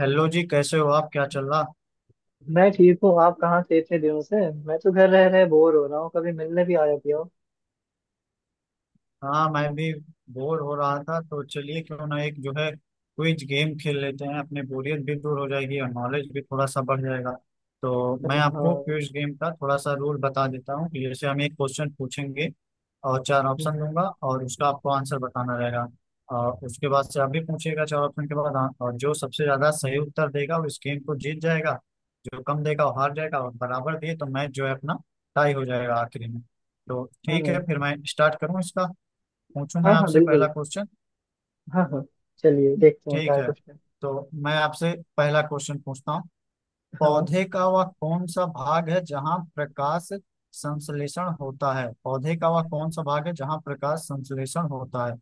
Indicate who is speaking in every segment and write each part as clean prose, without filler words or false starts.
Speaker 1: Hello जी। कैसे हो आप? क्या चल रहा?
Speaker 2: मैं ठीक हूँ। आप कहाँ थे इतने दिनों से? मैं तो घर रह रहे बोर हो रहा हूँ। कभी मिलने भी आया किया हो।
Speaker 1: हाँ, मैं भी बोर हो रहा था तो चलिए, क्यों ना एक जो है क्विज गेम खेल लेते हैं। अपनी बोरियत भी दूर हो जाएगी और नॉलेज भी थोड़ा सा बढ़ जाएगा। तो मैं आपको
Speaker 2: हाँ,
Speaker 1: क्विज गेम का थोड़ा सा रूल बता देता हूँ कि जैसे हम एक क्वेश्चन पूछेंगे और चार ऑप्शन दूंगा और उसका आपको आंसर बताना रहेगा। और उसके बाद से आप भी पूछिएगा चार ऑप्शन के बाद, हाँ, और जो सबसे ज्यादा सही उत्तर देगा वो इस गेम को जीत जाएगा। जो कम देगा वो हार जाएगा और बराबर दिए तो मैच जो है अपना टाई हो जाएगा आखिरी में। तो ठीक है,
Speaker 2: हाँ।
Speaker 1: फिर मैं स्टार्ट करूँ इसका? पूछूं मैं
Speaker 2: हाँ, हाँ,
Speaker 1: आपसे पहला
Speaker 2: बिल्कुल।
Speaker 1: क्वेश्चन?
Speaker 2: हाँ, हाँ। चलिए, देखते हैं क्या
Speaker 1: ठीक
Speaker 2: है
Speaker 1: है,
Speaker 2: क्वेश्चन।
Speaker 1: तो मैं आपसे पहला क्वेश्चन पूछता हूँ।
Speaker 2: हाँ,
Speaker 1: पौधे का वह कौन सा भाग है जहाँ प्रकाश संश्लेषण होता है? पौधे का वह कौन सा भाग है जहाँ प्रकाश संश्लेषण होता है?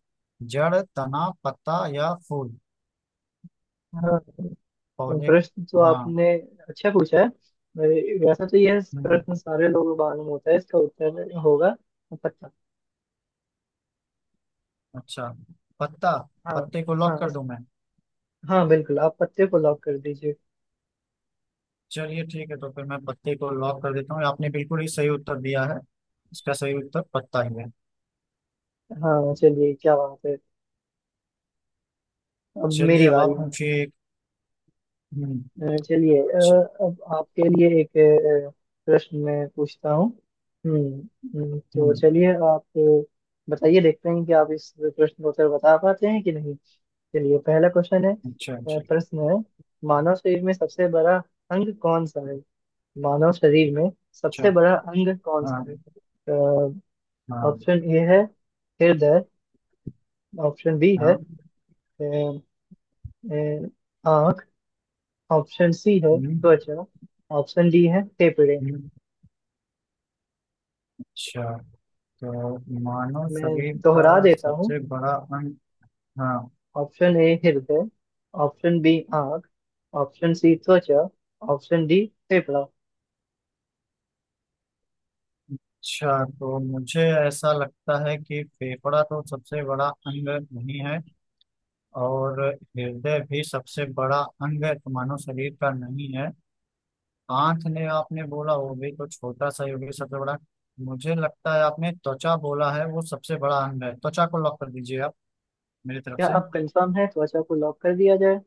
Speaker 1: जड़, तना, पत्ता या फूल?
Speaker 2: हाँ।
Speaker 1: पौधे।
Speaker 2: प्रश्न तो
Speaker 1: हाँ।
Speaker 2: आपने अच्छा पूछा है। वैसे तो यह
Speaker 1: हम्म।
Speaker 2: प्रश्न सारे लोगों को मालूम होता है। इसका उत्तर होगा पत्ता।
Speaker 1: अच्छा। पत्ता।
Speaker 2: हाँ,
Speaker 1: पत्ते को लॉक
Speaker 2: हाँ।
Speaker 1: कर
Speaker 2: इस
Speaker 1: दूं मैं?
Speaker 2: हाँ, बिल्कुल, आप पत्ते को लॉक कर दीजिए।
Speaker 1: चलिए ठीक है, तो फिर मैं पत्ते को लॉक कर देता हूँ। आपने बिल्कुल ही सही उत्तर दिया है। इसका सही उत्तर पत्ता ही है।
Speaker 2: हाँ, चलिए, क्या बात है। अब
Speaker 1: चलिए
Speaker 2: मेरी
Speaker 1: अब आप
Speaker 2: बारी है।
Speaker 1: पूछिए एक। हम्म।
Speaker 2: चलिए,
Speaker 1: अच्छा।
Speaker 2: अब आपके लिए एक अ, प्रश्न मैं पूछता हूँ। हम्म। तो
Speaker 1: हम्म।
Speaker 2: चलिए, आप बताइए, देखते हैं कि आप इस प्रश्न का उत्तर बता पाते हैं कि नहीं। चलिए, पहला क्वेश्चन है,
Speaker 1: अच्छा, अच्छा,
Speaker 2: प्रश्न है, मानव शरीर में सबसे बड़ा अंग कौन सा है? मानव शरीर में
Speaker 1: अच्छा।
Speaker 2: सबसे बड़ा अंग कौन सा
Speaker 1: हाँ,
Speaker 2: है?
Speaker 1: हाँ,
Speaker 2: ऑप्शन ए है हृदय। ऑप्शन बी है
Speaker 1: हाँ।
Speaker 2: अ, अ, आँख। ऑप्शन सी है
Speaker 1: हम्म।
Speaker 2: त्वचा। ऑप्शन डी है फेफड़े।
Speaker 1: हम्म। अच्छा। तो मानव
Speaker 2: मैं
Speaker 1: शरीर का
Speaker 2: दोहरा देता हूँ।
Speaker 1: सबसे बड़ा अंग। हाँ।
Speaker 2: ऑप्शन ए हृदय। ऑप्शन बी आंख। ऑप्शन सी त्वचा। ऑप्शन डी फेफड़ा।
Speaker 1: अच्छा, तो मुझे ऐसा लगता है कि फेफड़ा तो सबसे बड़ा अंग नहीं है। और हृदय भी सबसे बड़ा अंग मानव शरीर का नहीं है। आंख ने आपने बोला वो भी तो छोटा सा ही होगी सबसे बड़ा। मुझे लगता है आपने त्वचा बोला है, वो सबसे बड़ा अंग है। त्वचा को लॉक कर दीजिए आप, मेरी तरफ
Speaker 2: क्या
Speaker 1: से।
Speaker 2: आप कंफर्म है, त्वचा को लॉक कर दिया जाए?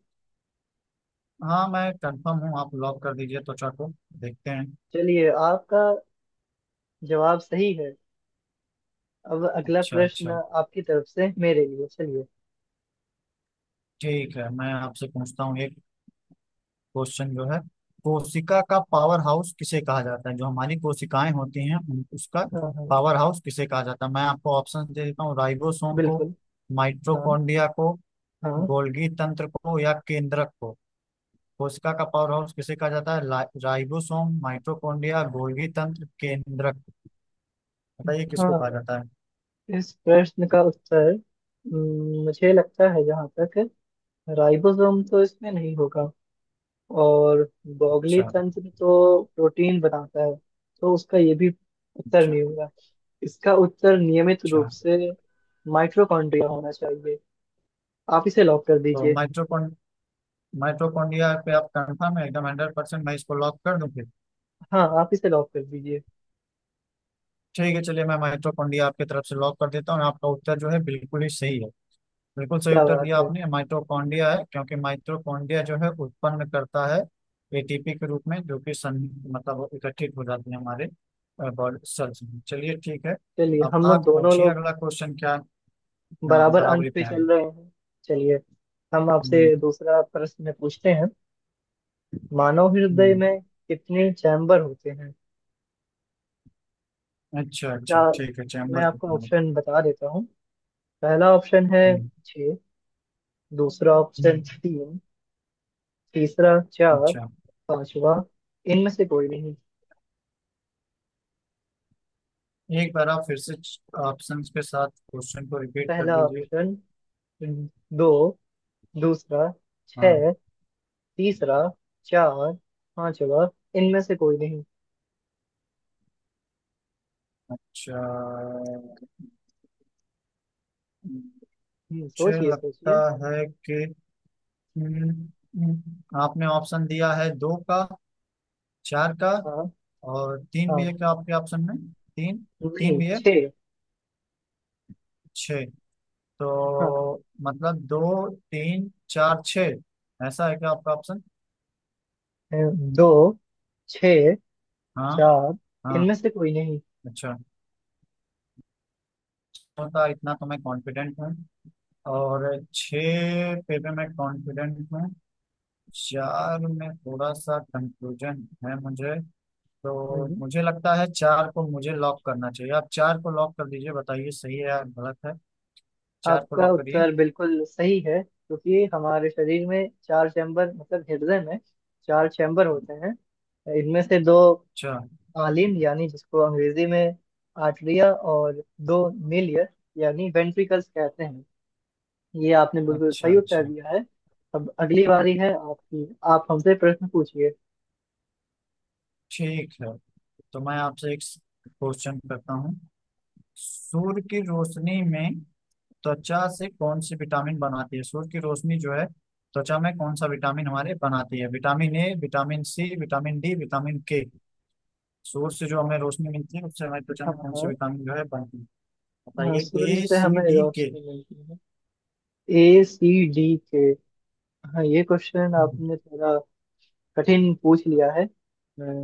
Speaker 1: हाँ, मैं कंफर्म हूँ, आप लॉक कर दीजिए त्वचा को। देखते हैं।
Speaker 2: चलिए, आपका जवाब सही है। अब अगला
Speaker 1: अच्छा, अच्छा,
Speaker 2: प्रश्न आपकी तरफ से मेरे लिए। चलिए।
Speaker 1: ठीक है, मैं आपसे पूछता हूँ एक क्वेश्चन जो है। कोशिका का पावर हाउस किसे कहा जाता है? जो हमारी कोशिकाएं होती हैं उसका
Speaker 2: हाँ, हाँ,
Speaker 1: पावर हाउस किसे कहा जाता है? मैं आपको ऑप्शन दे देता हूँ। राइबोसोम को,
Speaker 2: बिल्कुल। हाँ,
Speaker 1: माइटोकॉन्ड्रिया को,
Speaker 2: हाँ।
Speaker 1: गोल्गी तंत्र को या केंद्रक को। कोशिका का पावर हाउस किसे कहा जाता है? राइबोसोम, माइटोकॉन्ड्रिया, गोल्गी तंत्र, केंद्रक। बताइए किसको कहा
Speaker 2: हाँ,
Speaker 1: जाता है।
Speaker 2: इस प्रश्न का उत्तर, मुझे लगता है, जहाँ तक राइबोसोम तो इसमें नहीं होगा। और बॉगली
Speaker 1: अच्छा,
Speaker 2: तंत्र तो प्रोटीन बनाता है, तो उसका ये भी उत्तर
Speaker 1: अच्छा,
Speaker 2: नहीं होगा। इसका उत्तर नियमित रूप
Speaker 1: अच्छा।
Speaker 2: से माइटोकॉन्ड्रिया होना चाहिए। आप इसे लॉक कर
Speaker 1: तो
Speaker 2: दीजिए।
Speaker 1: माइटोकॉन्ड्रिया पे आप कंफर्म है एकदम 100%? मैं इसको लॉक कर दूं फिर?
Speaker 2: हाँ, आप इसे लॉक कर दीजिए।
Speaker 1: ठीक है, चलिए मैं माइटोकॉन्ड्रिया आपकी तरफ से लॉक कर देता हूँ। आपका उत्तर जो है बिल्कुल ही सही है। बिल्कुल सही
Speaker 2: क्या
Speaker 1: उत्तर
Speaker 2: बात
Speaker 1: दिया
Speaker 2: है!
Speaker 1: आपने। माइटोकॉन्ड्रिया है क्योंकि माइटोकॉन्ड्रिया जो है उत्पन्न करता है एटीपी के रूप में जो कि सं मतलब इकट्ठित हो जाती है हमारे बॉडी सेल्स में। चलिए ठीक है।
Speaker 2: चलिए,
Speaker 1: अब
Speaker 2: हम लोग,
Speaker 1: आप
Speaker 2: दोनों
Speaker 1: पूछिए,
Speaker 2: लोग
Speaker 1: अगला क्वेश्चन क्या है। हाँ,
Speaker 2: बराबर अंक
Speaker 1: बराबरी
Speaker 2: पे
Speaker 1: पे है
Speaker 2: चल
Speaker 1: अभी।
Speaker 2: रहे हैं। चलिए, हम आपसे
Speaker 1: हम्म।
Speaker 2: दूसरा प्रश्न पूछते हैं। मानव हृदय
Speaker 1: हम्म।
Speaker 2: में कितने चैम्बर होते हैं?
Speaker 1: अच्छा, अच्छा,
Speaker 2: क्या?
Speaker 1: ठीक है।
Speaker 2: मैं
Speaker 1: चैम्बर
Speaker 2: आपको
Speaker 1: कितना है?
Speaker 2: ऑप्शन बता देता हूँ। पहला ऑप्शन है
Speaker 1: हम्म।
Speaker 2: छः। दूसरा ऑप्शन
Speaker 1: हम्म।
Speaker 2: तीन। तीसरा चार।
Speaker 1: अच्छा।
Speaker 2: पांचवा, इनमें से कोई नहीं।
Speaker 1: एक बार आप फिर से ऑप्शंस के साथ क्वेश्चन को रिपीट कर
Speaker 2: पहला
Speaker 1: दीजिए।
Speaker 2: ऑप्शन दो। दूसरा
Speaker 1: हाँ।
Speaker 2: छह। तीसरा चार। पांचवा, इनमें से कोई नहीं।
Speaker 1: अच्छा। मुझे
Speaker 2: सोचिए,
Speaker 1: लगता
Speaker 2: सोचिए।
Speaker 1: है कि हम्म, आपने ऑप्शन दिया है दो का, चार का।
Speaker 2: हाँ।
Speaker 1: और तीन भी है
Speaker 2: हाँ।
Speaker 1: क्या आपके ऑप्शन में? तीन। तीन
Speaker 2: नहीं,
Speaker 1: भी है।
Speaker 2: छह।
Speaker 1: छः। तो
Speaker 2: हाँ।
Speaker 1: मतलब दो, तीन, चार, छः, ऐसा है क्या आपका ऑप्शन?
Speaker 2: दो, छह,
Speaker 1: हाँ।
Speaker 2: चार,
Speaker 1: हाँ।
Speaker 2: इनमें से कोई नहीं।
Speaker 1: अच्छा। होता इतना तो मैं कॉन्फिडेंट हूँ, और छः पे भी मैं कॉन्फिडेंट हूँ। चार में थोड़ा सा कंफ्यूजन है मुझे। तो
Speaker 2: हम्म,
Speaker 1: मुझे लगता है चार को मुझे लॉक करना चाहिए। आप चार को लॉक कर दीजिए, बताइए सही है या गलत है। चार को
Speaker 2: आपका
Speaker 1: लॉक करिए।
Speaker 2: उत्तर बिल्कुल सही है, क्योंकि हमारे शरीर में चार चैम्बर, मतलब हृदय में चार चैम्बर होते हैं। इनमें से दो
Speaker 1: चार।
Speaker 2: आलिन, यानी जिसको अंग्रेजी में आर्टरिया, और दो मिलियर यानी वेंट्रिकल्स कहते हैं। ये आपने बिल्कुल
Speaker 1: अच्छा,
Speaker 2: सही उत्तर
Speaker 1: अच्छा,
Speaker 2: दिया है। अब अगली बारी है आपकी, आप हमसे प्रश्न पूछिए।
Speaker 1: ठीक है। तो मैं आपसे एक क्वेश्चन करता हूँ। सूर्य की रोशनी में त्वचा से कौन सी विटामिन बनाती है? सूर्य की रोशनी जो है त्वचा में कौन सा विटामिन हमारे बनाती है? Vitamin A, vitamin C, vitamin D, vitamin K. Source से जो हमें रोशनी मिलती है उससे हमारी त्वचा
Speaker 2: हाँ,
Speaker 1: में कौन सी
Speaker 2: हाँ।
Speaker 1: विटामिन जो है बनती है?
Speaker 2: हाँ,
Speaker 1: बताइए।
Speaker 2: सूर्य
Speaker 1: ए,
Speaker 2: से
Speaker 1: सी,
Speaker 2: हमें
Speaker 1: डी, के।
Speaker 2: रोशनी मिलती है। A, C, D, K. हाँ, ये क्वेश्चन
Speaker 1: अच्छा।
Speaker 2: आपने थोड़ा कठिन पूछ लिया है। मैं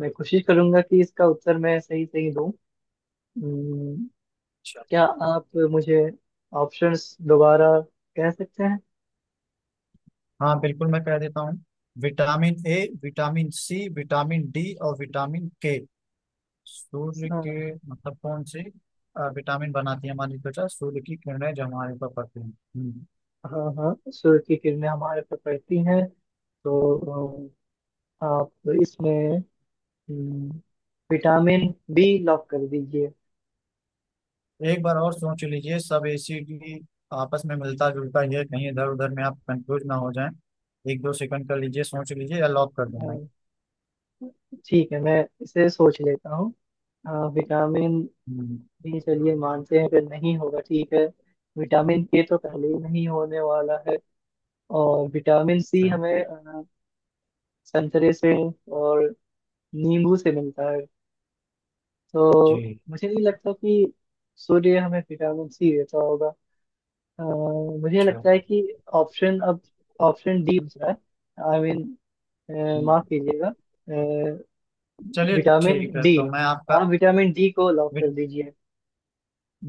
Speaker 2: मैं कोशिश करूंगा कि इसका उत्तर मैं सही सही दूं। हम्म, क्या आप मुझे ऑप्शंस दोबारा कह सकते हैं?
Speaker 1: हाँ, बिल्कुल मैं कह देता हूँ। Vitamin A, vitamin C, vitamin D और विटामिन के। सूर्य
Speaker 2: हाँ।
Speaker 1: के मतलब कौन से विटामिन बनाती है हमारी त्वचा, सूर्य की किरणें जो हमारे ऊपर पड़ती हैं। हम्म।
Speaker 2: हाँ, हाँ। सूर्य की किरणें हमारे पर पड़ती हैं, तो आप इसमें हम्म, विटामिन बी लॉक कर दीजिए।
Speaker 1: एक बार और सोच लीजिए, सब एसिड आपस में मिलता जुलता ही है, कहीं इधर उधर में आप कंफ्यूज ना हो जाएं। एक दो सेकंड कर लीजिए, सोच लीजिए, या लॉक कर देना।
Speaker 2: अ, ठीक है, मैं इसे सोच लेता हूँ। विटामिन
Speaker 1: हम्म।
Speaker 2: बी, चलिए, मानते हैं कि नहीं होगा। ठीक है। विटामिन के तो पहले ही नहीं होने वाला है। और विटामिन सी
Speaker 1: अच्छा।
Speaker 2: हमें संतरे से और नींबू से मिलता है, तो
Speaker 1: जी।
Speaker 2: मुझे नहीं लगता कि सूर्य हमें विटामिन सी देता होगा। मुझे
Speaker 1: अच्छा।
Speaker 2: लगता है कि ऑप्शन अब ऑप्शन डी दूसरा है, आई मीन, माफ
Speaker 1: हम्म।
Speaker 2: कीजिएगा,
Speaker 1: चलिए
Speaker 2: विटामिन
Speaker 1: ठीक है,
Speaker 2: डी।
Speaker 1: तो मैं आपका
Speaker 2: आप विटामिन डी को लॉक कर
Speaker 1: विट-
Speaker 2: दीजिए।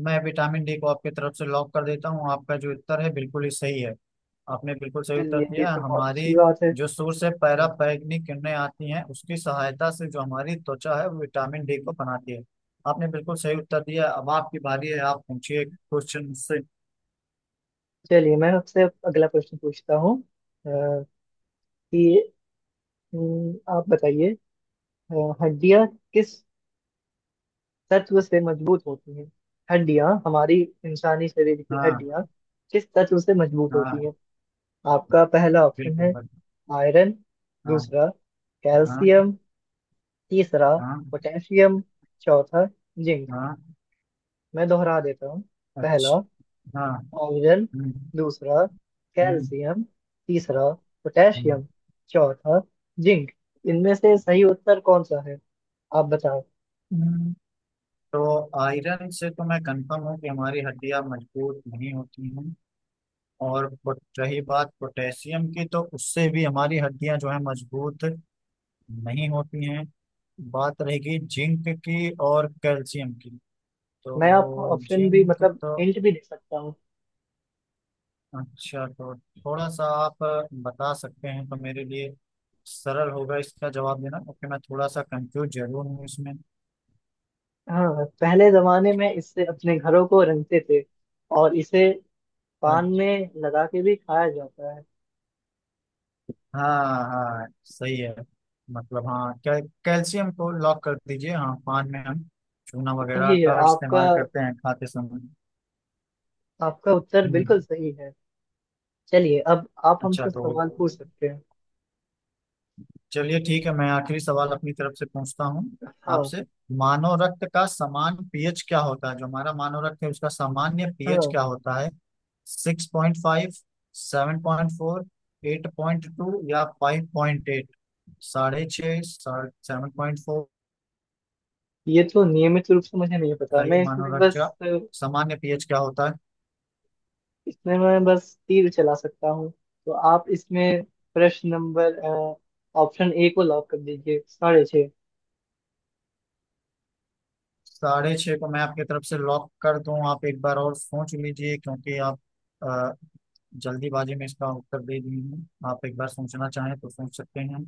Speaker 1: मैं विटामिन डी को आपकी तरफ से लॉक कर देता हूँ। आपका जो उत्तर है बिल्कुल ही सही है। आपने बिल्कुल सही उत्तर
Speaker 2: चलिए, ये
Speaker 1: दिया है।
Speaker 2: तो बहुत अच्छी
Speaker 1: हमारी
Speaker 2: बात है।
Speaker 1: जो सूर्य से पराबैंगनी किरणें आती हैं उसकी सहायता से जो हमारी त्वचा है वो विटामिन डी को बनाती है। आपने बिल्कुल सही उत्तर दिया, अब आपकी बारी है, आप पूछिए क्वेश्चन से।
Speaker 2: चलिए, मैं आपसे अब अगला प्रश्न पूछता हूँ। अ, कि आप बताइए, हड्डियाँ किस तत्व से मजबूत होती हैं? हड्डियाँ हमारी, इंसानी शरीर की
Speaker 1: हाँ,
Speaker 2: हड्डियाँ किस तत्व से मजबूत होती
Speaker 1: हाँ,
Speaker 2: हैं? आपका पहला ऑप्शन
Speaker 1: बिल्कुल,
Speaker 2: है
Speaker 1: बिल्कुल।
Speaker 2: आयरन।
Speaker 1: हाँ,
Speaker 2: दूसरा
Speaker 1: हाँ,
Speaker 2: कैल्शियम। तीसरा
Speaker 1: हाँ,
Speaker 2: पोटेशियम। चौथा जिंक।
Speaker 1: हाँ।
Speaker 2: मैं दोहरा देता हूँ। पहला
Speaker 1: अच्छा। हाँ।
Speaker 2: आयरन।
Speaker 1: हम्म।
Speaker 2: दूसरा
Speaker 1: हम्म।
Speaker 2: कैल्शियम। तीसरा
Speaker 1: हम्म।
Speaker 2: पोटेशियम। चौथा जिंक। इनमें से सही उत्तर कौन सा है? आप बताओ।
Speaker 1: हम्म। तो आयरन से तो मैं कंफर्म हूँ कि हमारी हड्डियां मजबूत नहीं होती हैं। और रही बात पोटेशियम की, तो उससे भी हमारी हड्डियां जो है मजबूत नहीं होती हैं। बात रहेगी जिंक की और कैल्शियम की।
Speaker 2: मैं आपको
Speaker 1: तो
Speaker 2: ऑप्शन भी,
Speaker 1: जिंक
Speaker 2: मतलब
Speaker 1: तो।
Speaker 2: हिंट भी, दे सकता हूँ।
Speaker 1: अच्छा, तो थोड़ा सा आप बता सकते हैं तो मेरे लिए सरल होगा इसका जवाब देना, क्योंकि मैं थोड़ा सा कंफ्यूज जरूर हूँ इसमें।
Speaker 2: हाँ, पहले जमाने में इससे अपने घरों को रंगते थे, और इसे पान
Speaker 1: अच्छा।
Speaker 2: में लगा के भी खाया जाता है।
Speaker 1: हाँ, हाँ, सही है। मतलब, हाँ, कैल्शियम को लॉक कर दीजिए। हाँ, पान में हम चूना वगैरह
Speaker 2: सही है
Speaker 1: का
Speaker 2: आपका।
Speaker 1: इस्तेमाल करते हैं खाते समय।
Speaker 2: आपका उत्तर
Speaker 1: हम्म।
Speaker 2: बिल्कुल सही है। चलिए, अब आप
Speaker 1: अच्छा,
Speaker 2: हमसे
Speaker 1: तो
Speaker 2: सवाल पूछ सकते हैं।
Speaker 1: चलिए ठीक है, मैं आखिरी सवाल अपनी तरफ से पूछता हूँ
Speaker 2: हाँ,
Speaker 1: आपसे। मानव रक्त का समान पीएच क्या होता है? जो हमारा मानव रक्त है उसका सामान्य पीएच
Speaker 2: हाँ।
Speaker 1: क्या होता है? 6.5, 7.4, 8.2 या 5.8। 6.5, 7.4।
Speaker 2: ये तो नियमित रूप से मुझे नहीं पता,
Speaker 1: बताइए
Speaker 2: मैं
Speaker 1: मानव
Speaker 2: इसमें
Speaker 1: रक्त
Speaker 2: बस
Speaker 1: का सामान्य पीएच क्या होता है।
Speaker 2: इसमें मैं बस तीर चला सकता हूँ। तो आप इसमें प्रश्न नंबर ऑप्शन ए को लॉक कर दीजिए, 6.5।
Speaker 1: साढ़े छः को मैं आपकी तरफ से लॉक कर दूं? आप एक बार और सोच लीजिए, क्योंकि आप जल्दीबाजी में इसका उत्तर दे दिए हैं। आप एक बार सोचना चाहें तो सोच सकते हैं,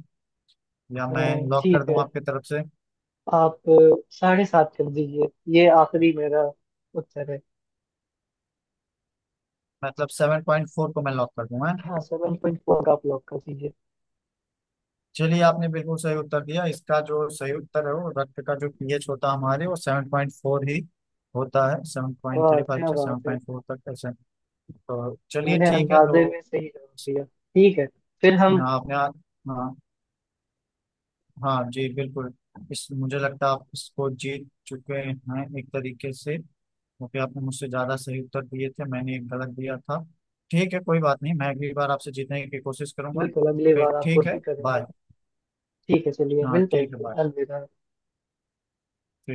Speaker 1: या मैं लॉक कर
Speaker 2: ठीक
Speaker 1: दूं
Speaker 2: है,
Speaker 1: आपके तरफ से?
Speaker 2: आप 7.5 कर दीजिए। ये आखिरी मेरा उत्तर है।
Speaker 1: मतलब 7.4 को मैं लॉक कर दूं, हैं?
Speaker 2: हाँ, 7.4 आप लॉक कर दीजिए।
Speaker 1: चलिए आपने बिल्कुल सही उत्तर दिया। इसका जो सही उत्तर है वो रक्त का जो पीएच होता है हमारे, वो 7.4 ही होता है। सेवन पॉइंट
Speaker 2: वाह,
Speaker 1: थ्री फाइव
Speaker 2: क्या
Speaker 1: से सेवन
Speaker 2: बात है!
Speaker 1: पॉइंट फोर तक, ऐसे। तो चलिए
Speaker 2: मैंने
Speaker 1: ठीक है, तो
Speaker 2: अंदाजे में सही जवाब दिया। ठीक है, फिर हम।
Speaker 1: आपने। हाँ, हाँ जी, बिल्कुल। इस, मुझे लगता है आप इसको जीत चुके हैं एक तरीके से, क्योंकि आपने मुझसे ज्यादा सही उत्तर दिए थे, मैंने एक गलत दिया था। ठीक है, कोई बात नहीं, मैं अगली बार आपसे जीतने की कोशिश करूंगा।
Speaker 2: बिल्कुल, अगली
Speaker 1: फिर
Speaker 2: बार आप
Speaker 1: ठीक है,
Speaker 2: कोशिश करेंगे।
Speaker 1: बाय।
Speaker 2: ठीक है, चलिए,
Speaker 1: हाँ,
Speaker 2: मिलते हैं
Speaker 1: ठीक है,
Speaker 2: फिर।
Speaker 1: बाय।
Speaker 2: अलविदा।